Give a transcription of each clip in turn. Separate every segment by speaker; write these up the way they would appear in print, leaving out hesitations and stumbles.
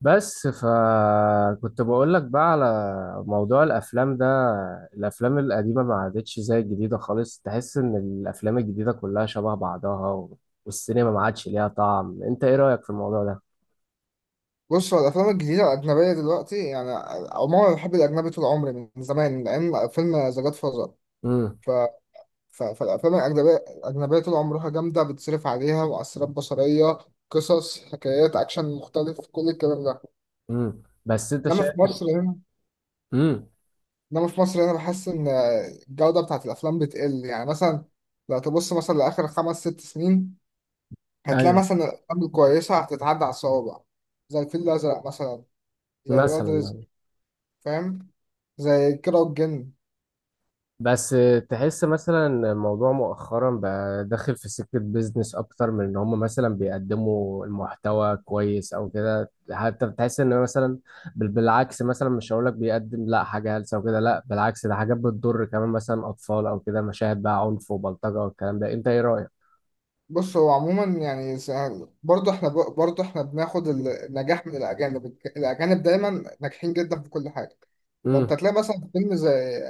Speaker 1: بس فكنت بقول لك بقى على موضوع الافلام ده. الافلام القديمه ما عادتش زي الجديده خالص. تحس ان الافلام الجديده كلها شبه بعضها والسينما ما عادش ليها طعم. انت ايه رايك في الموضوع ده؟
Speaker 2: بص، هو الافلام الجديده الاجنبيه دلوقتي يعني عموما انا بحب الاجنبي طول عمري من زمان لان فيلم ذا جاد فازر.
Speaker 1: امم.
Speaker 2: ف... ف... فالافلام الاجنبيه طول عمرها جامده، بتصرف عليها مؤثرات بصريه، قصص، حكايات، اكشن مختلف، كل الكلام ده.
Speaker 1: امم. بس انت
Speaker 2: انما في
Speaker 1: شايف.
Speaker 2: مصر هنا
Speaker 1: امم.
Speaker 2: انما في مصر هنا بحس ان الجوده بتاعت الافلام بتقل. يعني مثلا لو تبص مثلا لاخر خمس ست سنين هتلاقي
Speaker 1: ايوه
Speaker 2: مثلا الافلام الكويسه هتتعدى على الصوابع، زي الفيل الازرق مثلا، زي ولاد
Speaker 1: مثلا.
Speaker 2: رزق،
Speaker 1: يعني
Speaker 2: فاهم، زي كيرة والجن.
Speaker 1: بس. تحس مثلا إن الموضوع مؤخرا بقى داخل في سكة بيزنس أكتر من إن هم مثلا بيقدموا المحتوى كويس أو كده. حتى بتحس إن مثلا بالعكس مثلا، مش هقولك بيقدم لا حاجة هلسة وكده، لا بالعكس، ده حاجات بتضر كمان مثلا أطفال أو كده، مشاهد بقى عنف وبلطجة والكلام ده. أنت إيه رأيك؟
Speaker 2: بص، هو عموما يعني برضه احنا بناخد النجاح من الاجانب، الاجانب دايما ناجحين جدا في كل حاجه.
Speaker 1: امم.
Speaker 2: فانت تلاقي مثلا في فيلم زي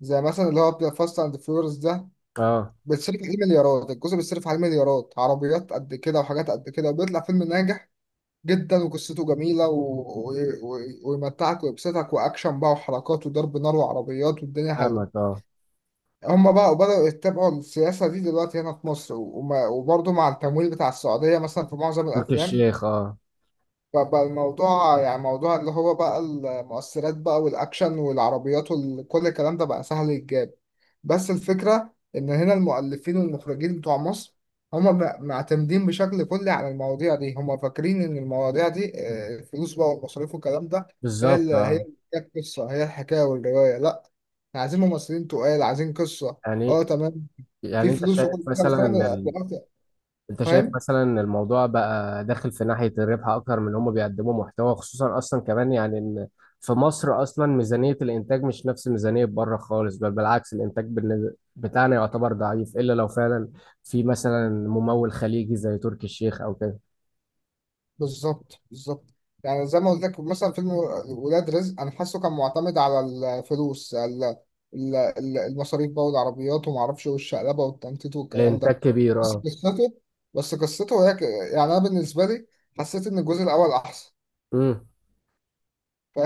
Speaker 2: زي مثلا اللي هو فاست اند فيوريوس ده،
Speaker 1: اه.
Speaker 2: بيتصرف عليه مليارات، الجزء بيتصرف عليه مليارات، عربيات قد كده وحاجات قد كده، وبيطلع فيلم ناجح جدا وقصته جميله و... و... و... ويمتعك ويبسطك، واكشن بقى وحركات وضرب نار وعربيات والدنيا
Speaker 1: فاهمك.
Speaker 2: حلوه.
Speaker 1: اه.
Speaker 2: هم بقى بدأوا يتبعوا السياسة دي دلوقتي هنا في مصر، وبرضه مع التمويل بتاع السعودية مثلا في معظم
Speaker 1: تركي
Speaker 2: الأفلام.
Speaker 1: الشيخ. اه
Speaker 2: فبقى الموضوع يعني موضوع اللي هو بقى المؤثرات بقى والأكشن والعربيات وكل الكلام ده بقى سهل يتجاب. بس الفكرة إن هنا المؤلفين والمخرجين بتوع مصر هم معتمدين بشكل كلي على المواضيع دي. هم فاكرين إن المواضيع دي آه، الفلوس بقى والمصاريف والكلام ده هي
Speaker 1: بالظبط.
Speaker 2: اللي هي
Speaker 1: اه
Speaker 2: اللي بتحكي القصة، هي الحكاية والرواية. لأ، عايزين ممثلين تقال، عايزين قصة.
Speaker 1: يعني
Speaker 2: اه، تمام. في
Speaker 1: يعني أنت
Speaker 2: فلوس
Speaker 1: شايف
Speaker 2: وكل حاجه، بس
Speaker 1: مثلا.
Speaker 2: انا دلوقتي
Speaker 1: انت شايف
Speaker 2: فاهم.
Speaker 1: مثلا ان الموضوع بقى داخل في ناحية الربح اكتر من هم بيقدموا محتوى، خصوصا اصلا كمان، يعني ان في مصر اصلا ميزانية الانتاج مش نفس ميزانية بره خالص. بل بالعكس الانتاج بتاعنا يعتبر ضعيف، الا لو فعلا في مثلا ممول خليجي زي تركي الشيخ او كده.
Speaker 2: بالظبط. يعني زي ما قلت لك مثلا، فيلم ولاد رزق انا حاسه كان معتمد على الفلوس المصاريف بقى والعربيات وما اعرفش والشقلبه والتنطيط والكلام
Speaker 1: الانتاج
Speaker 2: ده.
Speaker 1: كبير،
Speaker 2: بس
Speaker 1: اه.
Speaker 2: قصته بس قصته هي يعني انا بالنسبه لي حسيت ان الجزء الاول احسن،
Speaker 1: امم.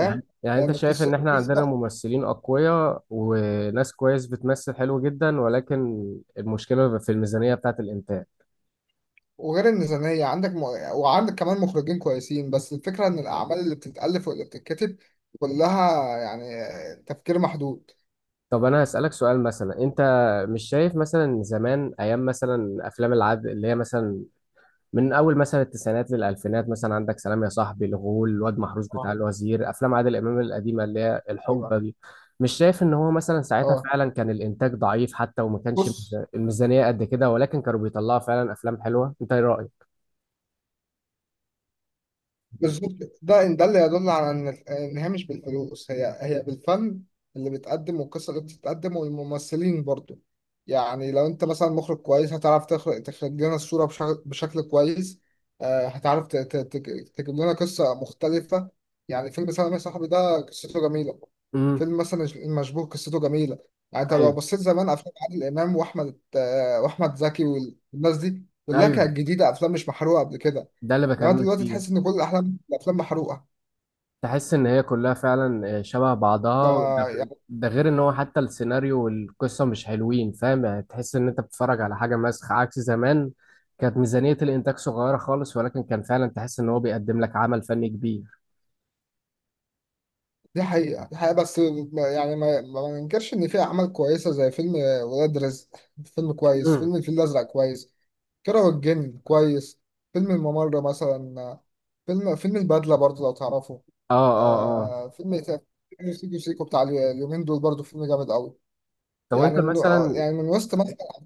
Speaker 1: يعني يعني انت
Speaker 2: يعني
Speaker 1: شايف ان
Speaker 2: القصه
Speaker 1: احنا عندنا
Speaker 2: القصه
Speaker 1: ممثلين اقوياء وناس كويس بتمثل حلو جدا، ولكن المشكلة في الميزانية بتاعت الانتاج.
Speaker 2: وغير الميزانيه عندك وعندك كمان مخرجين كويسين، بس الفكره ان الاعمال اللي بتتالف واللي بتتكتب كلها يعني تفكير محدود.
Speaker 1: طب انا هسألك سؤال مثلا. انت مش شايف مثلا زمان ايام مثلا افلام العدل اللي هي مثلا من اول مثلا التسعينات للالفينات؟ مثلا عندك سلام يا صاحبي، الغول، الواد محروس بتاع
Speaker 2: اه،
Speaker 1: الوزير، افلام عادل امام القديمه اللي هي
Speaker 2: ايوه،
Speaker 1: الحقبه دي. مش شايف ان هو مثلا ساعتها
Speaker 2: اه.
Speaker 1: فعلا كان الانتاج ضعيف حتى، وما كانش
Speaker 2: بص،
Speaker 1: الميزانيه قد كده، ولكن كانوا بيطلعوا فعلا افلام حلوه؟ انت ايه رايك؟
Speaker 2: بالظبط. ده اللي يدل على ان هي مش بالفلوس، هي بالفن اللي بيتقدم والقصه اللي بتتقدم والممثلين برضو. يعني لو انت مثلا مخرج كويس هتعرف تخرج لنا الصوره بشكل كويس. آه، هتعرف تجيب لنا قصه مختلفه. يعني فيلم سلام يا صاحبي ده قصته جميله،
Speaker 1: امم.
Speaker 2: فيلم مثلا المشبوه قصته جميله. يعني انت لو
Speaker 1: ايوه
Speaker 2: بصيت زمان افلام عادل امام واحمد زكي، والناس دي كلها
Speaker 1: ايوه.
Speaker 2: كانت جديده، افلام مش محروقه قبل كده.
Speaker 1: ده اللي
Speaker 2: انما
Speaker 1: بكلمك
Speaker 2: دلوقتي تحس
Speaker 1: فيه.
Speaker 2: ان كل الافلام محروقه.
Speaker 1: تحس ان هي كلها فعلا شبه بعضها ده.
Speaker 2: فيعني
Speaker 1: ده غير ان هو حتى السيناريو والقصه مش حلوين. فاهم يعني؟ تحس ان انت بتتفرج على حاجه مسخ عكس زمان. كانت ميزانيه الانتاج صغيره خالص ولكن كان فعلا تحس ان هو بيقدم لك عمل فني كبير.
Speaker 2: دي حقيقه بس يعني ما ننكرش ان في اعمال كويسه، زي فيلم ولاد رزق، فيلم كويس،
Speaker 1: مم.
Speaker 2: فيلم الفيل الازرق كويس، كيرة والجن كويس، فيلم الممر مثلا، فيلم البدله برضو لو تعرفه.
Speaker 1: اه اه اه.
Speaker 2: آه، فيلم إيه تاني؟ فيلم سيكو سيكو بتاع اليومين دول برضو فيلم جامد قوي.
Speaker 1: طب انت
Speaker 2: يعني من
Speaker 1: مثلا،
Speaker 2: وسط مثلا،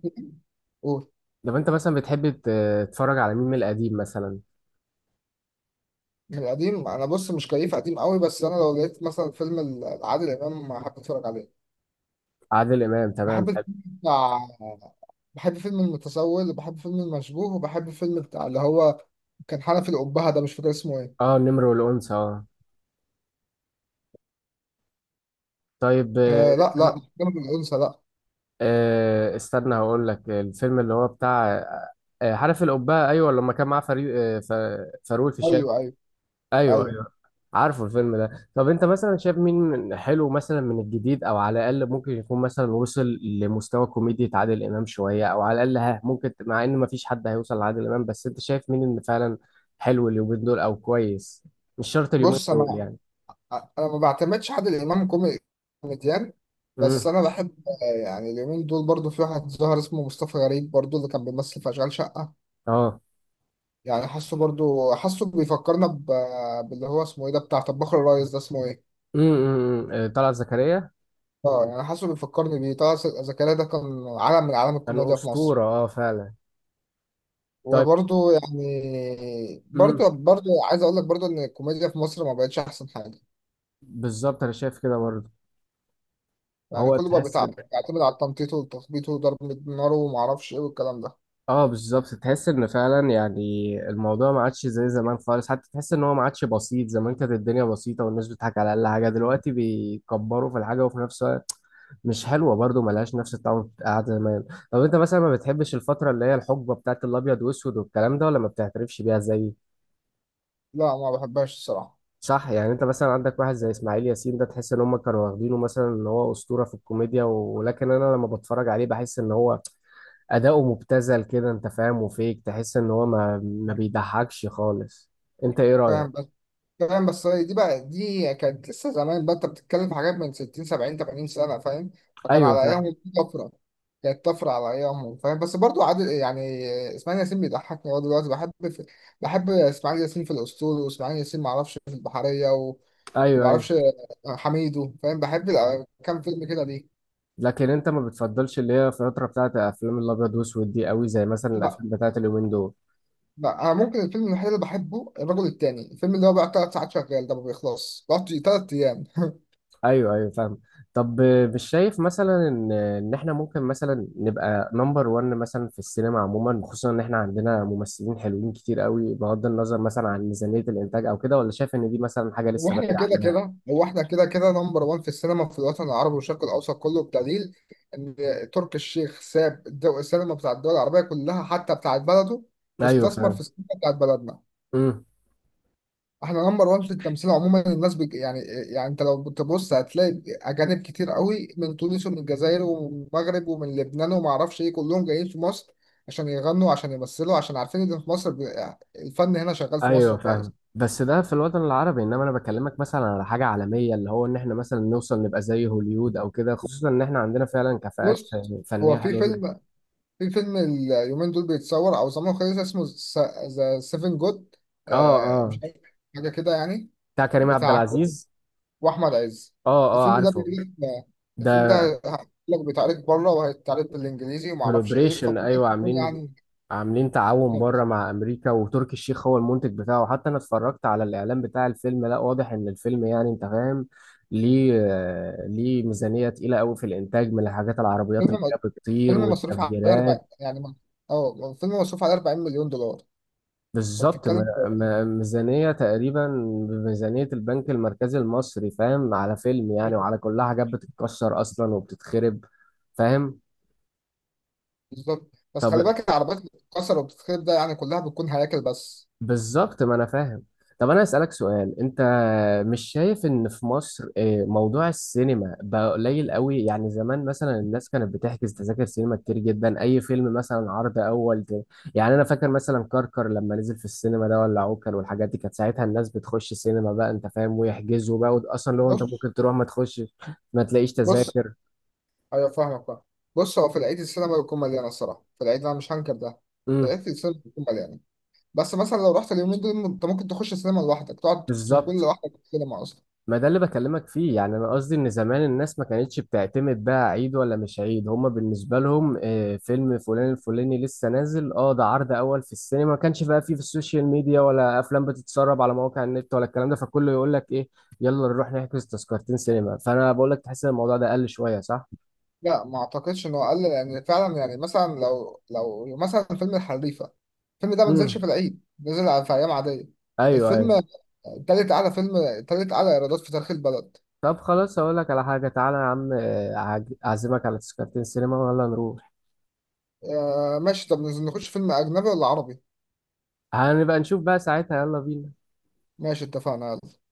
Speaker 2: قول.
Speaker 1: لو انت مثلا بتحب تتفرج على مين من القديم مثلا؟
Speaker 2: من القديم انا، بص، مش كيف قديم قوي، بس انا لو لقيت مثلا فيلم العادل امام بحب اتفرج عليه،
Speaker 1: عادل امام، تمام،
Speaker 2: بحب
Speaker 1: حلو.
Speaker 2: الفيلم بتاع، بحب فيلم المتسول، وبحب فيلم المشبوه، وبحب فيلم بتاع اللي هو كان حنفي الأبهة ده، مش فاكر اسمه ايه.
Speaker 1: اه، النمر والانثى، اه. طيب.
Speaker 2: آه، لا، مش جانب الأنثى، لا.
Speaker 1: استنى هقول لك الفيلم اللي هو بتاع عارف، القبعة، ايوه، لما كان معاه فريق فاروق الفيشاوي.
Speaker 2: أيوه، أيوه،
Speaker 1: ايوه
Speaker 2: أيوه.
Speaker 1: ايوه. عارفه الفيلم ده. طب انت مثلا شايف مين حلو مثلا من الجديد او على الاقل ممكن يكون مثلا وصل لمستوى كوميديا عادل امام شويه، او على الاقل ها، ممكن، مع ان مفيش حد هيوصل لعادل امام، بس انت شايف مين اللي فعلا حلو اليومين دول او كويس؟ مش شرط اليومين
Speaker 2: بص،
Speaker 1: دول
Speaker 2: أنا
Speaker 1: يعني.
Speaker 2: أنا ما بعتمدش حد الإمام كوميديان، بس
Speaker 1: امم.
Speaker 2: أنا بحب آه، يعني اليومين دول برضو في واحد ظهر اسمه مصطفى غريب، برضو اللي كان بيمثل في أشغال شقة.
Speaker 1: اه.
Speaker 2: يعني حاسه برضو، حاسه بيفكرنا باللي هو اسمه ايه ده بتاع طباخ الريس ده، اسمه ايه؟
Speaker 1: امم. أمم، أمم. طلعت زكريا.
Speaker 2: اه، يعني حاسه بيفكرني بيه. طه زكريا ده كان عالم من عالم
Speaker 1: كان
Speaker 2: الكوميديا في مصر.
Speaker 1: اسطوره اه فعلا. طيب.
Speaker 2: وبرضه يعني
Speaker 1: امم.
Speaker 2: برضه برضه عايز اقول لك برضه ان الكوميديا في مصر ما بقتش احسن حاجه.
Speaker 1: بالظبط، انا شايف كده برضه.
Speaker 2: يعني
Speaker 1: هو
Speaker 2: كله بقى
Speaker 1: تحس،
Speaker 2: بيعتمد على التنطيط والتخبيط وضرب النار وما اعرفش ايه والكلام ده.
Speaker 1: اه بالظبط، تحس ان فعلا يعني الموضوع ما عادش زي زمان خالص. حتى تحس ان هو ما عادش بسيط. زمان كانت الدنيا بسيطه والناس بتضحك على اقل حاجه، دلوقتي بيكبروا في الحاجه وفي نفس الوقت مش حلوه برضه، ملهاش نفس الطعم بتاع زمان. طب انت مثلا ما بتحبش الفتره اللي هي الحقبه بتاعت الابيض واسود والكلام ده، ولا ما بتعترفش بيها زي؟
Speaker 2: لا، ما بحبهاش الصراحه.
Speaker 1: صح. يعني انت مثلا عندك واحد زي اسماعيل ياسين ده، تحس ان هم كانوا واخدينه مثلا ان هو اسطوره في الكوميديا، ولكن انا لما بتفرج عليه بحس ان هو اداؤه مبتذل كده. انت فاهم؟ وفيك تحس ان هو ما بيضحكش خالص. انت ايه رايك؟
Speaker 2: فاهم بس فاهم، بس هي دي بقى، دي كانت لسه زمان بقى، انت بتتكلم في حاجات من 60 70 80 سنه، فاهم، فكان
Speaker 1: ايوه
Speaker 2: على
Speaker 1: فاهم.
Speaker 2: ايامهم دي طفره، كانت طفره على ايامهم، فاهم. بس برضه عادل، يعني اسماعيل ياسين بيضحكني هو دلوقتي، بحب بحب اسماعيل ياسين في الاسطول، واسماعيل ياسين ما اعرفش في البحريه وما
Speaker 1: ايوه ايوه.
Speaker 2: اعرفش حميدو، فاهم، بحب كام فيلم كده ليه.
Speaker 1: لكن انت ما بتفضلش اللي هي الفتره بتاعت افلام الابيض واسود دي قوي زي مثلا
Speaker 2: لا
Speaker 1: الافلام بتاعت اليومين دول؟
Speaker 2: لا، انا ممكن الفيلم الوحيد اللي بحبه الرجل التاني، الفيلم اللي هو بقى ثلاث ساعات شغال ده ما بيخلص، بقعد ثلاث ايام.
Speaker 1: ايوه ايوه فاهم. طب مش شايف مثلا ان احنا ممكن مثلا نبقى نمبر 1 مثلا في السينما عموما، خصوصا ان احنا عندنا ممثلين حلوين كتير قوي، بغض النظر مثلا عن ميزانيه الانتاج او كده، ولا شايف ان دي مثلا حاجه
Speaker 2: هو
Speaker 1: لسه بدري
Speaker 2: احنا كده
Speaker 1: عليها؟
Speaker 2: كده هو احنا كده كده نمبر 1 في السينما في الوطن العربي والشرق الاوسط كله، بدليل ان تركي الشيخ ساب السينما بتاع الدول العربيه كلها حتى بتاعت بلده،
Speaker 1: ايوه
Speaker 2: واستثمر في
Speaker 1: فاهم.
Speaker 2: السينما بتاعت بلدنا.
Speaker 1: امم.
Speaker 2: احنا نمبر 1 في التمثيل عموما، الناس يعني انت لو بتبص هتلاقي اجانب كتير قوي من تونس ومن الجزائر ومن المغرب ومن لبنان وما اعرفش ايه، كلهم جايين في مصر عشان يغنوا، عشان يمثلوا، عشان عارفين ان في مصر الفن هنا شغال في
Speaker 1: ايوه
Speaker 2: مصر
Speaker 1: فاهم.
Speaker 2: كويس.
Speaker 1: بس ده في الوطن العربي، انما انا بكلمك مثلا على حاجه عالميه اللي هو ان احنا مثلا نوصل نبقى زي هوليود او كده، خصوصا ان احنا عندنا فعلا كفاءات
Speaker 2: بص، هو
Speaker 1: فنيه
Speaker 2: في
Speaker 1: حلوه جدا.
Speaker 2: فيلم، في فيلم اليومين دول بيتصور او زمان خالص، اسمه ذا سيفن جود،
Speaker 1: اه اه.
Speaker 2: مش عارف، حاجه كده يعني.
Speaker 1: بتاع كريم عبد
Speaker 2: بتاع
Speaker 1: العزيز.
Speaker 2: واحمد عز.
Speaker 1: اه اه
Speaker 2: الفيلم ده
Speaker 1: عارفه
Speaker 2: بيقول لك الفيلم ده
Speaker 1: ده.
Speaker 2: هيقول لك بيتعرض بره وهيتعرض بالانجليزي وما اعرفش ايه،
Speaker 1: كولابريشن،
Speaker 2: فممكن
Speaker 1: ايوه،
Speaker 2: تكون
Speaker 1: عاملين.
Speaker 2: يعني.
Speaker 1: عاملين تعاون بره
Speaker 2: بالظبط.
Speaker 1: مع امريكا، وتركي الشيخ هو المنتج بتاعه. حتى انا اتفرجت على الاعلان بتاع الفيلم، لا واضح ان الفيلم يعني انت فاهم ليه. ليه ميزانيه تقيله قوي في الانتاج، من الحاجات العربيات اللي هي
Speaker 2: فيلم
Speaker 1: بتطير
Speaker 2: فيلم مصروف عليه 40
Speaker 1: والتفجيرات.
Speaker 2: يعني اه، فيلم مصروف عليه 40 مليون دولار. انت
Speaker 1: بالظبط.
Speaker 2: بتتكلم في،
Speaker 1: ميزانية تقريبا بميزانية البنك المركزي المصري، فاهم، على فيلم يعني،
Speaker 2: إيه؟
Speaker 1: وعلى كلها حاجات بتتكسر أصلا وبتتخرب. فاهم.
Speaker 2: بالظبط، بس خلي
Speaker 1: طب
Speaker 2: بالك العربيات اللي بتتكسر وبتتخرب ده يعني كلها بتكون هياكل بس.
Speaker 1: بالظبط، ما انا فاهم. طب انا اسالك سؤال. انت مش شايف ان في مصر موضوع السينما بقى قليل قوي؟ يعني زمان مثلا الناس كانت بتحجز تذاكر سينما كتير جدا. اي فيلم مثلا عرض اول يعني انا فاكر مثلا كركر لما نزل في السينما ده، ولا عوكل، والحاجات دي كانت ساعتها الناس بتخش السينما بقى، انت فاهم، ويحجزوا بقى، اصلا لو انت
Speaker 2: بص
Speaker 1: ممكن تروح ما تخش، ما تلاقيش
Speaker 2: بص،
Speaker 1: تذاكر.
Speaker 2: ايوه فاهمك بقى. بص، هو في العيد السينما بتكون مليانه الصراحه، في العيد انا مش هنكر ده، في
Speaker 1: امم.
Speaker 2: العيد السينما بتكون مليانه، بس مثلا لو رحت اليومين دول انت ممكن تخش السينما لوحدك، تقعد تكون
Speaker 1: بالظبط،
Speaker 2: لوحدك في السينما اصلا.
Speaker 1: ما ده اللي بكلمك فيه. يعني انا قصدي ان زمان الناس ما كانتش بتعتمد بقى عيد ولا مش عيد، هما بالنسبه لهم فيلم فلان الفلاني لسه نازل اه، ده عرض اول في السينما، ما كانش بقى فيه في السوشيال ميديا ولا افلام بتتسرب على مواقع النت ولا الكلام ده، فكله يقول لك ايه، يلا نروح نحجز تذكرتين سينما. فانا بقول لك تحس ان الموضوع ده قل شويه صح؟
Speaker 2: لا، ما اعتقدش انه اقل، لان فعلا يعني مثلا لو مثلا فيلم الحريفه، الفيلم ده ما نزلش في
Speaker 1: امم.
Speaker 2: العيد، نزل في ايام عاديه.
Speaker 1: ايوه
Speaker 2: الفيلم
Speaker 1: ايوه.
Speaker 2: تالت اعلى فيلم تالت اعلى ايرادات في تاريخ البلد.
Speaker 1: طب خلاص اقول لك على حاجه، تعالى يا عم، اعزمك على تذكرتين سينما، ويلا نروح.
Speaker 2: آه، ماشي، طب نخش فيلم اجنبي ولا عربي؟
Speaker 1: هنبقى نشوف بقى ساعتها. يلا بينا.
Speaker 2: ماشي، اتفقنا، يلا.